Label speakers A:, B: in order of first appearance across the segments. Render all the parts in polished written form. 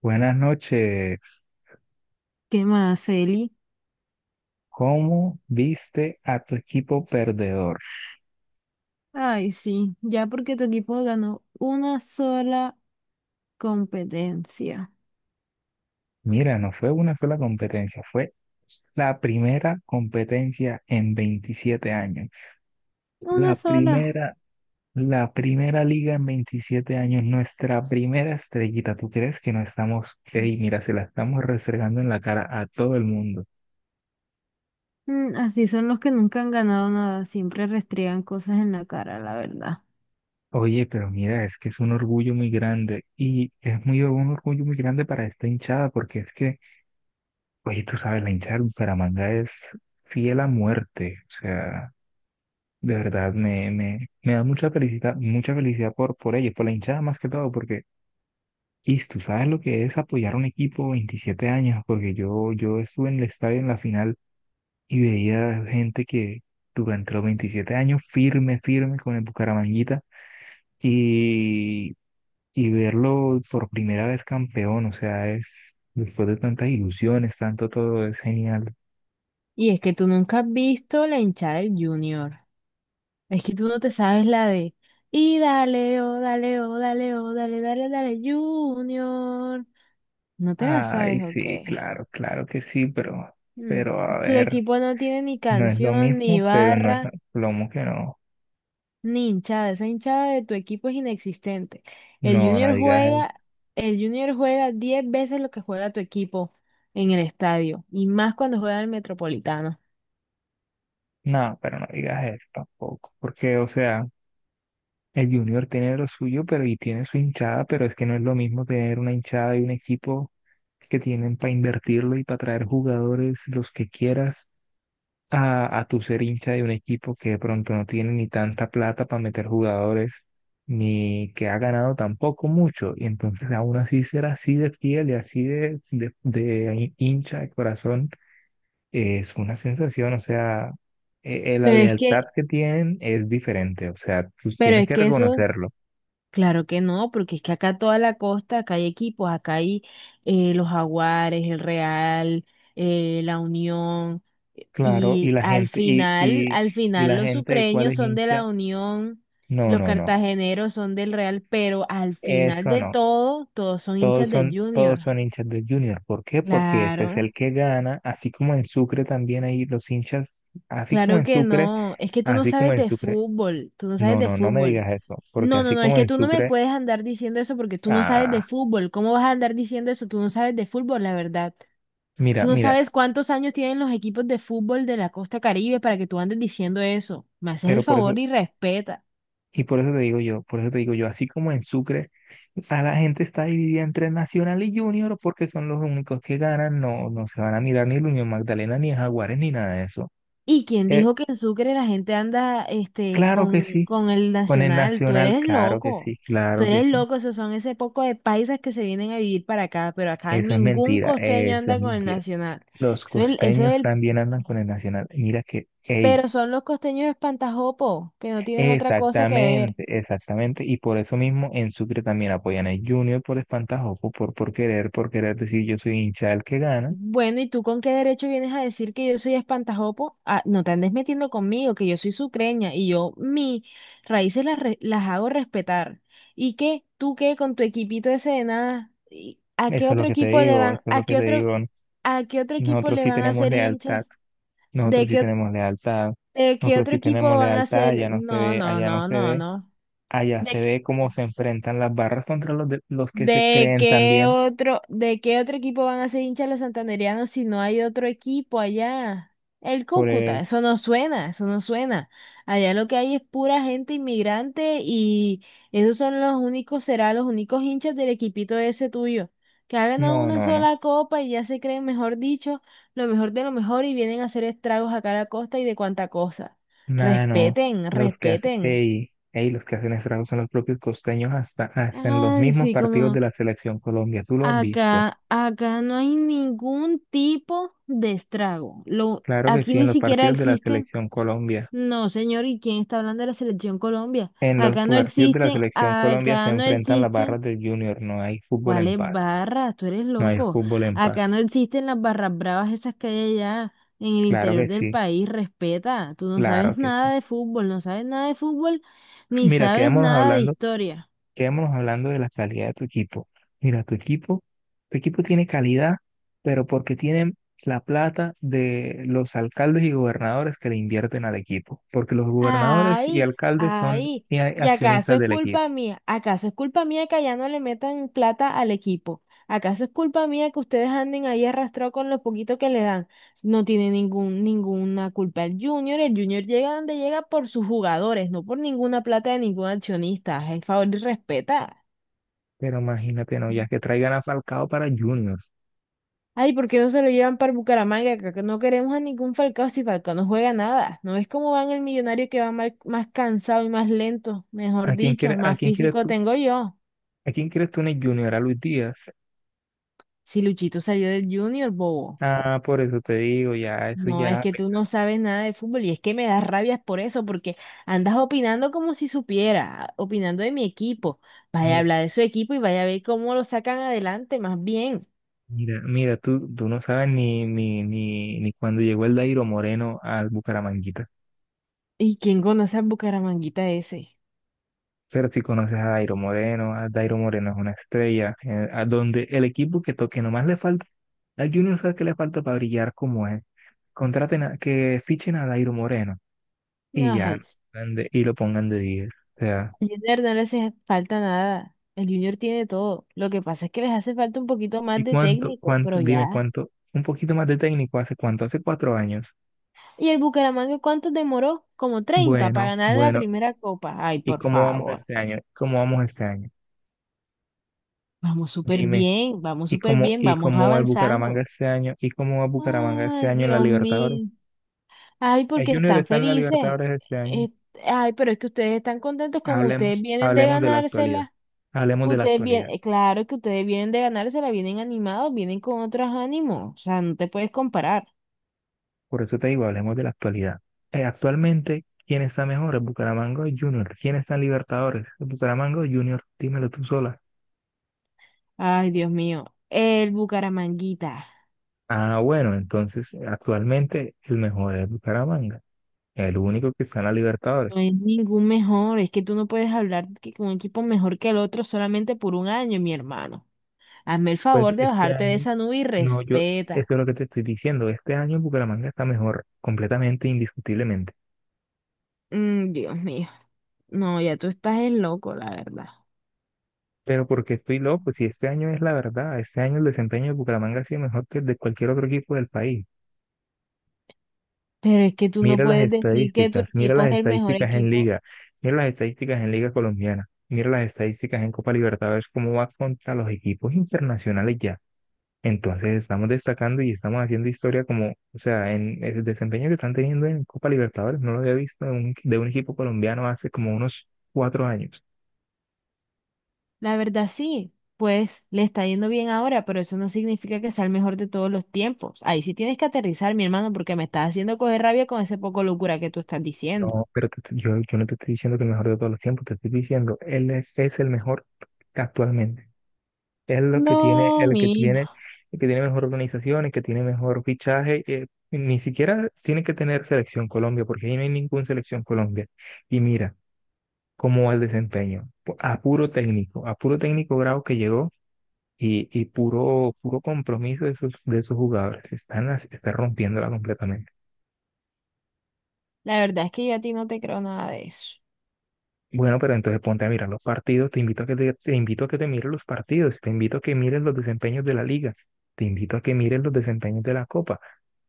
A: Buenas noches.
B: ¿Qué más, Eli?
A: ¿Cómo viste a tu equipo perdedor?
B: Ay, sí, ya porque tu equipo ganó una sola competencia.
A: Mira, no fue una sola competencia, fue la primera competencia en 27 años. La
B: Una sola.
A: primera, la primera liga en 27 años, nuestra primera estrellita. ¿Tú crees que no estamos, ey, mira, se la estamos restregando en la cara a todo el mundo?
B: Así son los que nunca han ganado nada, siempre restriegan cosas en la cara, la verdad.
A: Oye, pero mira, es que es un orgullo muy grande y es muy un orgullo muy grande para esta hinchada porque es que... Oye, tú sabes, la hinchada de Bucaramanga es fiel a muerte. O sea, de verdad me da mucha felicidad por ellos, por la hinchada más que todo, porque, y tú sabes lo que es apoyar a un equipo 27 años, porque yo estuve en el estadio en la final y veía gente que durante los 27 años firme, firme con el Bucaramanguita y, y verlo por primera vez campeón, o sea, es después de tantas ilusiones, tanto todo, es genial.
B: Y es que tú nunca has visto la hinchada del Junior. Es que tú no te sabes la de. Y dale, oh, dale, oh, dale, oh, dale, dale, dale, Junior. ¿No te la
A: Ay,
B: sabes o
A: sí,
B: qué?
A: claro, claro que sí,
B: Mm,
A: pero a
B: Tu
A: ver,
B: equipo no tiene ni
A: no es lo
B: canción, ni
A: mismo, pero no es lo
B: barra.
A: plomo que no.
B: Ni hinchada, esa hinchada de tu equipo es inexistente. El
A: No, no
B: Junior
A: digas eso.
B: juega, el Junior juega 10 veces lo que juega tu equipo en el estadio, y más cuando juega el Metropolitano.
A: No, pero no digas eso tampoco. Porque, o sea, el Junior tiene lo suyo, pero y tiene su hinchada, pero es que no es lo mismo tener una hinchada y un equipo que tienen para invertirlo y para traer jugadores los que quieras a tu ser hincha de un equipo que de pronto no tiene ni tanta plata para meter jugadores, ni que ha ganado tampoco mucho, y entonces aún así ser así de fiel y así de hincha de corazón es una sensación, o sea, la
B: Pero es que,
A: lealtad que tienen es diferente, o sea, tú
B: pero
A: tienes
B: es
A: que
B: que esos
A: reconocerlo,
B: claro que no, porque es que acá toda la costa, acá hay equipos, acá hay los Jaguares, el Real, la Unión,
A: claro, y
B: y
A: la gente,
B: al
A: y
B: final
A: la
B: los
A: gente de cuál
B: sucreños
A: es
B: son de la
A: hincha,
B: Unión,
A: no,
B: los
A: no, no,
B: cartageneros son del Real, pero al final
A: eso
B: de
A: no.
B: todo, todos son hinchas del
A: Todos
B: Junior.
A: son hinchas del Junior. ¿Por qué? Porque ese es
B: Claro,
A: el que gana, así como en Sucre también hay los hinchas, así como
B: claro
A: en
B: que
A: Sucre,
B: no, es que tú no
A: así como
B: sabes
A: en
B: de
A: Sucre.
B: fútbol. Tú no sabes
A: No,
B: de
A: no, no me
B: fútbol.
A: digas eso, porque
B: No, no,
A: así
B: no, es
A: como
B: que
A: en
B: tú no me
A: Sucre,
B: puedes andar diciendo eso porque tú no sabes de
A: ah,
B: fútbol. ¿Cómo vas a andar diciendo eso? Tú no sabes de fútbol, la verdad.
A: mira,
B: Tú no
A: mira,
B: sabes cuántos años tienen los equipos de fútbol de la Costa Caribe para que tú andes diciendo eso. Me haces el
A: pero por
B: favor
A: eso,
B: y respeta.
A: y por eso te digo yo, por eso te digo yo, así como en Sucre, a la gente está dividida entre Nacional y Junior porque son los únicos que ganan, no, no se van a mirar ni el Unión Magdalena, ni el Jaguares, ni nada de eso.
B: ¿Y quién
A: Eh,
B: dijo que en Sucre la gente anda este,
A: claro que sí,
B: con el
A: con el
B: Nacional? Tú
A: Nacional,
B: eres
A: claro que
B: loco.
A: sí,
B: Tú
A: claro que
B: eres
A: sí.
B: loco, esos son ese poco de paisas que se vienen a vivir para acá, pero acá
A: Eso es
B: ningún
A: mentira,
B: costeño
A: eso es
B: anda con el
A: mentira.
B: Nacional.
A: Los
B: Eso
A: costeños
B: es
A: también andan con el Nacional. Mira que, ey,
B: Pero son los costeños espantajopos, que no tienen otra cosa que ver.
A: exactamente, exactamente. Y por eso mismo en Sucre también apoyan al Junior por espantajopo, por querer decir yo soy hincha del que gana.
B: Bueno, ¿y tú con qué derecho vienes a decir que yo soy espantajopo? Ah, no te andes metiendo conmigo, que yo soy sucreña y yo mis raíces las hago respetar. ¿Y qué? ¿Tú qué con tu equipito ese de nada? ¿Y ¿A qué
A: Eso es lo
B: otro
A: que te
B: equipo le
A: digo, eso
B: van,
A: es lo
B: a
A: que
B: qué
A: te digo.
B: a qué otro equipo
A: Nosotros
B: le
A: sí
B: van a
A: tenemos
B: hacer hinchas?
A: lealtad, nosotros
B: ¿De
A: sí
B: qué, o-
A: tenemos lealtad,
B: de qué
A: nosotros
B: otro
A: sí tenemos
B: equipo van a
A: lealtad,
B: ser?
A: allá no se
B: No,
A: ve,
B: no,
A: allá no
B: no,
A: se
B: no,
A: ve,
B: no.
A: allá se ve cómo se enfrentan las barras contra los que se creen también
B: De qué otro equipo van a ser hinchas los santandereanos si no hay otro equipo allá? El
A: por...
B: Cúcuta,
A: eh,
B: eso no suena, eso no suena. Allá lo que hay es pura gente inmigrante y esos son los únicos, serán los únicos hinchas del equipito ese tuyo, que ha ganado
A: no,
B: una
A: no, no.
B: sola copa y ya se creen, mejor dicho, lo mejor de lo mejor y vienen a hacer estragos acá a la costa y de cuanta cosa.
A: Nada, no.
B: Respeten,
A: Los que hacen,
B: respeten.
A: ey, ey, los que hacen estragos son los propios costeños hasta, hasta en los
B: Ay,
A: mismos
B: sí,
A: partidos de
B: como.
A: la Selección Colombia. ¿Tú lo has visto?
B: Acá, acá no hay ningún tipo de estrago. Lo,
A: Claro que
B: aquí
A: sí, en
B: ni
A: los
B: siquiera
A: partidos de la
B: existen.
A: Selección Colombia.
B: No, señor, ¿y quién está hablando de la Selección Colombia?
A: En los
B: Acá no
A: partidos de la
B: existen,
A: Selección Colombia se
B: acá no
A: enfrentan las barras
B: existen.
A: del Junior. No hay fútbol en
B: ¿Cuáles
A: paz.
B: barras? Tú eres
A: No hay
B: loco.
A: fútbol en
B: Acá no
A: paz.
B: existen las barras bravas esas que hay allá en el
A: Claro
B: interior
A: que
B: del
A: sí,
B: país. Respeta. Tú no
A: claro
B: sabes
A: que sí.
B: nada de fútbol, no sabes nada de fútbol, ni
A: Mira,
B: sabes nada de historia.
A: quedémonos hablando de la calidad de tu equipo. Mira, tu equipo tiene calidad, pero porque tienen la plata de los alcaldes y gobernadores que le invierten al equipo, porque los gobernadores y
B: Ay,
A: alcaldes son
B: ay, ¿y acaso
A: accionistas
B: es
A: del equipo.
B: culpa mía? ¿Acaso es culpa mía que allá no le metan plata al equipo? ¿Acaso es culpa mía que ustedes anden ahí arrastrados con lo poquito que le dan? No tiene ninguna culpa el Junior. El Junior llega donde llega por sus jugadores, no por ninguna plata de ningún accionista. El favor y respeta.
A: Pero imagínate, no, ya que traigan a Falcao para Juniors.
B: Ay, ¿por qué no se lo llevan para Bucaramanga? Que no queremos a ningún Falcao si Falcao no juega nada. ¿No ves cómo van el millonario que va mal- más cansado y más lento? Mejor
A: ¿A quién
B: dicho,
A: quiere, a
B: más
A: quién quieres
B: físico
A: tú?
B: tengo yo.
A: ¿A quién quieres tú en el Junior? ¿A Luis Díaz?
B: Si Luchito salió del Junior, bobo.
A: Ah, por eso te digo, ya, eso
B: No, es
A: ya,
B: que tú no sabes nada de fútbol y es que me das rabias por eso, porque andas opinando como si supiera, opinando de mi equipo. Vaya a
A: mira.
B: hablar de su equipo y vaya a ver cómo lo sacan adelante, más bien.
A: Mira, mira, tú no sabes ni cuando llegó el Dairo Moreno al Bucaramanga.
B: ¿Y quién conoce al Bucaramanguita ese?
A: Pero si conoces a Dairo Moreno es una estrella, a donde el equipo que toque nomás le falta, al Junior sabe que le falta para brillar como es. Contraten a, que fichen a Dairo Moreno y ya,
B: Ay,
A: y lo pongan de 10. O sea,
B: al Junior no le hace falta nada. El Junior tiene todo. Lo que pasa es que les hace falta un poquito más
A: ¿y
B: de técnico, pero
A: dime
B: ya.
A: cuánto, un poquito más de técnico, hace cuánto, hace cuatro años.
B: ¿Y el Bucaramanga cuánto demoró? Como treinta para
A: Bueno,
B: ganar la
A: bueno,
B: primera copa. Ay,
A: ¿y
B: por
A: cómo vamos
B: favor.
A: este año? ¿Cómo vamos este año?
B: Vamos súper
A: Dime,
B: bien, vamos
A: ¿y
B: súper bien,
A: y
B: vamos
A: cómo va el Bucaramanga
B: avanzando.
A: este año? ¿Y cómo va Bucaramanga este
B: Ay,
A: año en la
B: Dios
A: Libertadores?
B: mío. Ay,
A: El
B: porque
A: Junior
B: están
A: está en la
B: felices.
A: Libertadores este año.
B: Eh, ay, pero es que ustedes están contentos como ustedes
A: Hablemos,
B: vienen de
A: hablemos de la actualidad.
B: ganársela.
A: Hablemos de la
B: Ustedes vienen,
A: actualidad.
B: claro que ustedes vienen de ganar, se la vienen animados, vienen con otros ánimos, o sea, no te puedes comparar.
A: Por eso te digo, hablemos de la actualidad. Actualmente, ¿quién está mejor? ¿El Bucaramanga o el Junior? ¿Quién está en Libertadores? ¿El Bucaramanga o el Junior? Dímelo tú sola.
B: Ay, Dios mío, el Bucaramanguita
A: Ah, bueno, entonces actualmente el mejor es el Bucaramanga, el único que está en la Libertadores.
B: no es ningún mejor, es que tú no puedes hablar que con un equipo mejor que el otro solamente por un año, mi hermano. Hazme el
A: Pues
B: favor de
A: este
B: bajarte de
A: año,
B: esa nube y
A: no, yo, eso
B: respeta.
A: es lo que te estoy diciendo. Este año el Bucaramanga está mejor, completamente, indiscutiblemente.
B: Dios mío, no, ya tú estás el loco, la verdad.
A: Pero porque estoy loco, si este año es la verdad, este año el desempeño de Bucaramanga ha sido mejor que el de cualquier otro equipo del país.
B: Pero es que tú no puedes decir que tu
A: Mira
B: equipo
A: las
B: es el mejor
A: estadísticas en
B: equipo.
A: Liga, mira las estadísticas en Liga Colombiana, mira las estadísticas en Copa Libertadores, cómo va contra los equipos internacionales ya. Entonces estamos destacando y estamos haciendo historia como, o sea, en el desempeño que están teniendo en Copa Libertadores, no lo había visto de de un equipo colombiano hace como unos cuatro años.
B: La verdad sí, pues le está yendo bien ahora, pero eso no significa que sea el mejor de todos los tiempos. Ahí sí tienes que aterrizar, mi hermano, porque me estás haciendo coger rabia con ese poco locura que tú estás diciendo.
A: No, pero yo, yo no te estoy diciendo que el mejor de todos los tiempos, te estoy diciendo, es el mejor actualmente. Es lo
B: No,
A: que tiene,
B: mi,
A: el que tiene mejor organización, el que tiene mejor fichaje. Ni siquiera tiene que tener selección Colombia, porque ahí no hay ninguna selección Colombia. Y mira cómo va el desempeño. A puro técnico bravo que llegó y puro, puro compromiso de sus jugadores. Está rompiéndola completamente.
B: la verdad es que yo a ti no te creo nada de eso.
A: Bueno, pero entonces ponte a mirar los partidos, te invito a que te invito a que te mires los partidos, te invito a que mires los desempeños de la liga, te invito a que mires los desempeños de la copa.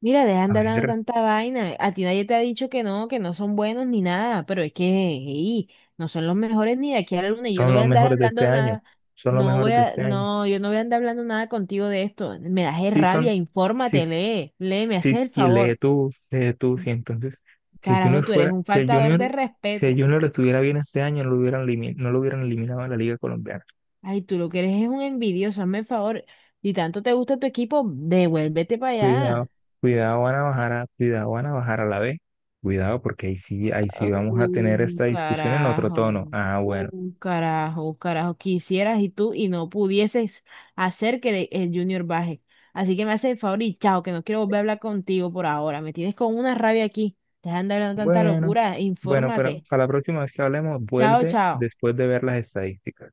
B: Mira, dejan
A: A
B: de hablando
A: ver,
B: tanta vaina. A ti nadie te ha dicho que no son buenos ni nada, pero es que ey, no son los mejores ni de aquí a la luna y yo
A: son
B: no voy a
A: los
B: andar
A: mejores de este
B: hablando
A: año,
B: nada.
A: son los
B: No
A: mejores
B: voy
A: de
B: a,
A: este año.
B: no, yo no voy a andar hablando nada contigo de esto. Me das es
A: Sí
B: rabia,
A: son, sí,
B: infórmate, lee, lee, me
A: sí,
B: haces el
A: y
B: favor.
A: lee tú, sí. Entonces, si el
B: Carajo,
A: Junior
B: tú eres
A: fuera,
B: un
A: si el
B: faltador
A: Junior,
B: de
A: si el
B: respeto.
A: Junior estuviera bien este año, no lo hubieran eliminado a la liga colombiana.
B: Ay, tú lo que eres es un envidioso, hazme el favor. Si tanto te gusta tu equipo, devuélvete para
A: Cuidado,
B: allá.
A: cuidado Guanabajara la ve. Cuidado porque ahí sí vamos a tener
B: Un
A: esta discusión en otro
B: carajo,
A: tono. Ah, bueno.
B: un carajo, un carajo. Quisieras y tú y no pudieses hacer que le- el Junior baje. Así que me haces el favor y chao, que no quiero volver a hablar contigo por ahora. Me tienes con una rabia aquí. Te de andar hablando tanta
A: Bueno,
B: locura.
A: bueno, pero
B: Infórmate.
A: para la próxima vez que hablemos,
B: Chao,
A: vuelve
B: chao.
A: después de ver las estadísticas.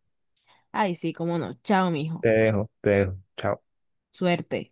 B: Ay, sí, cómo no. Chao,
A: Te
B: mijo.
A: dejo, te dejo. Chao.
B: Suerte.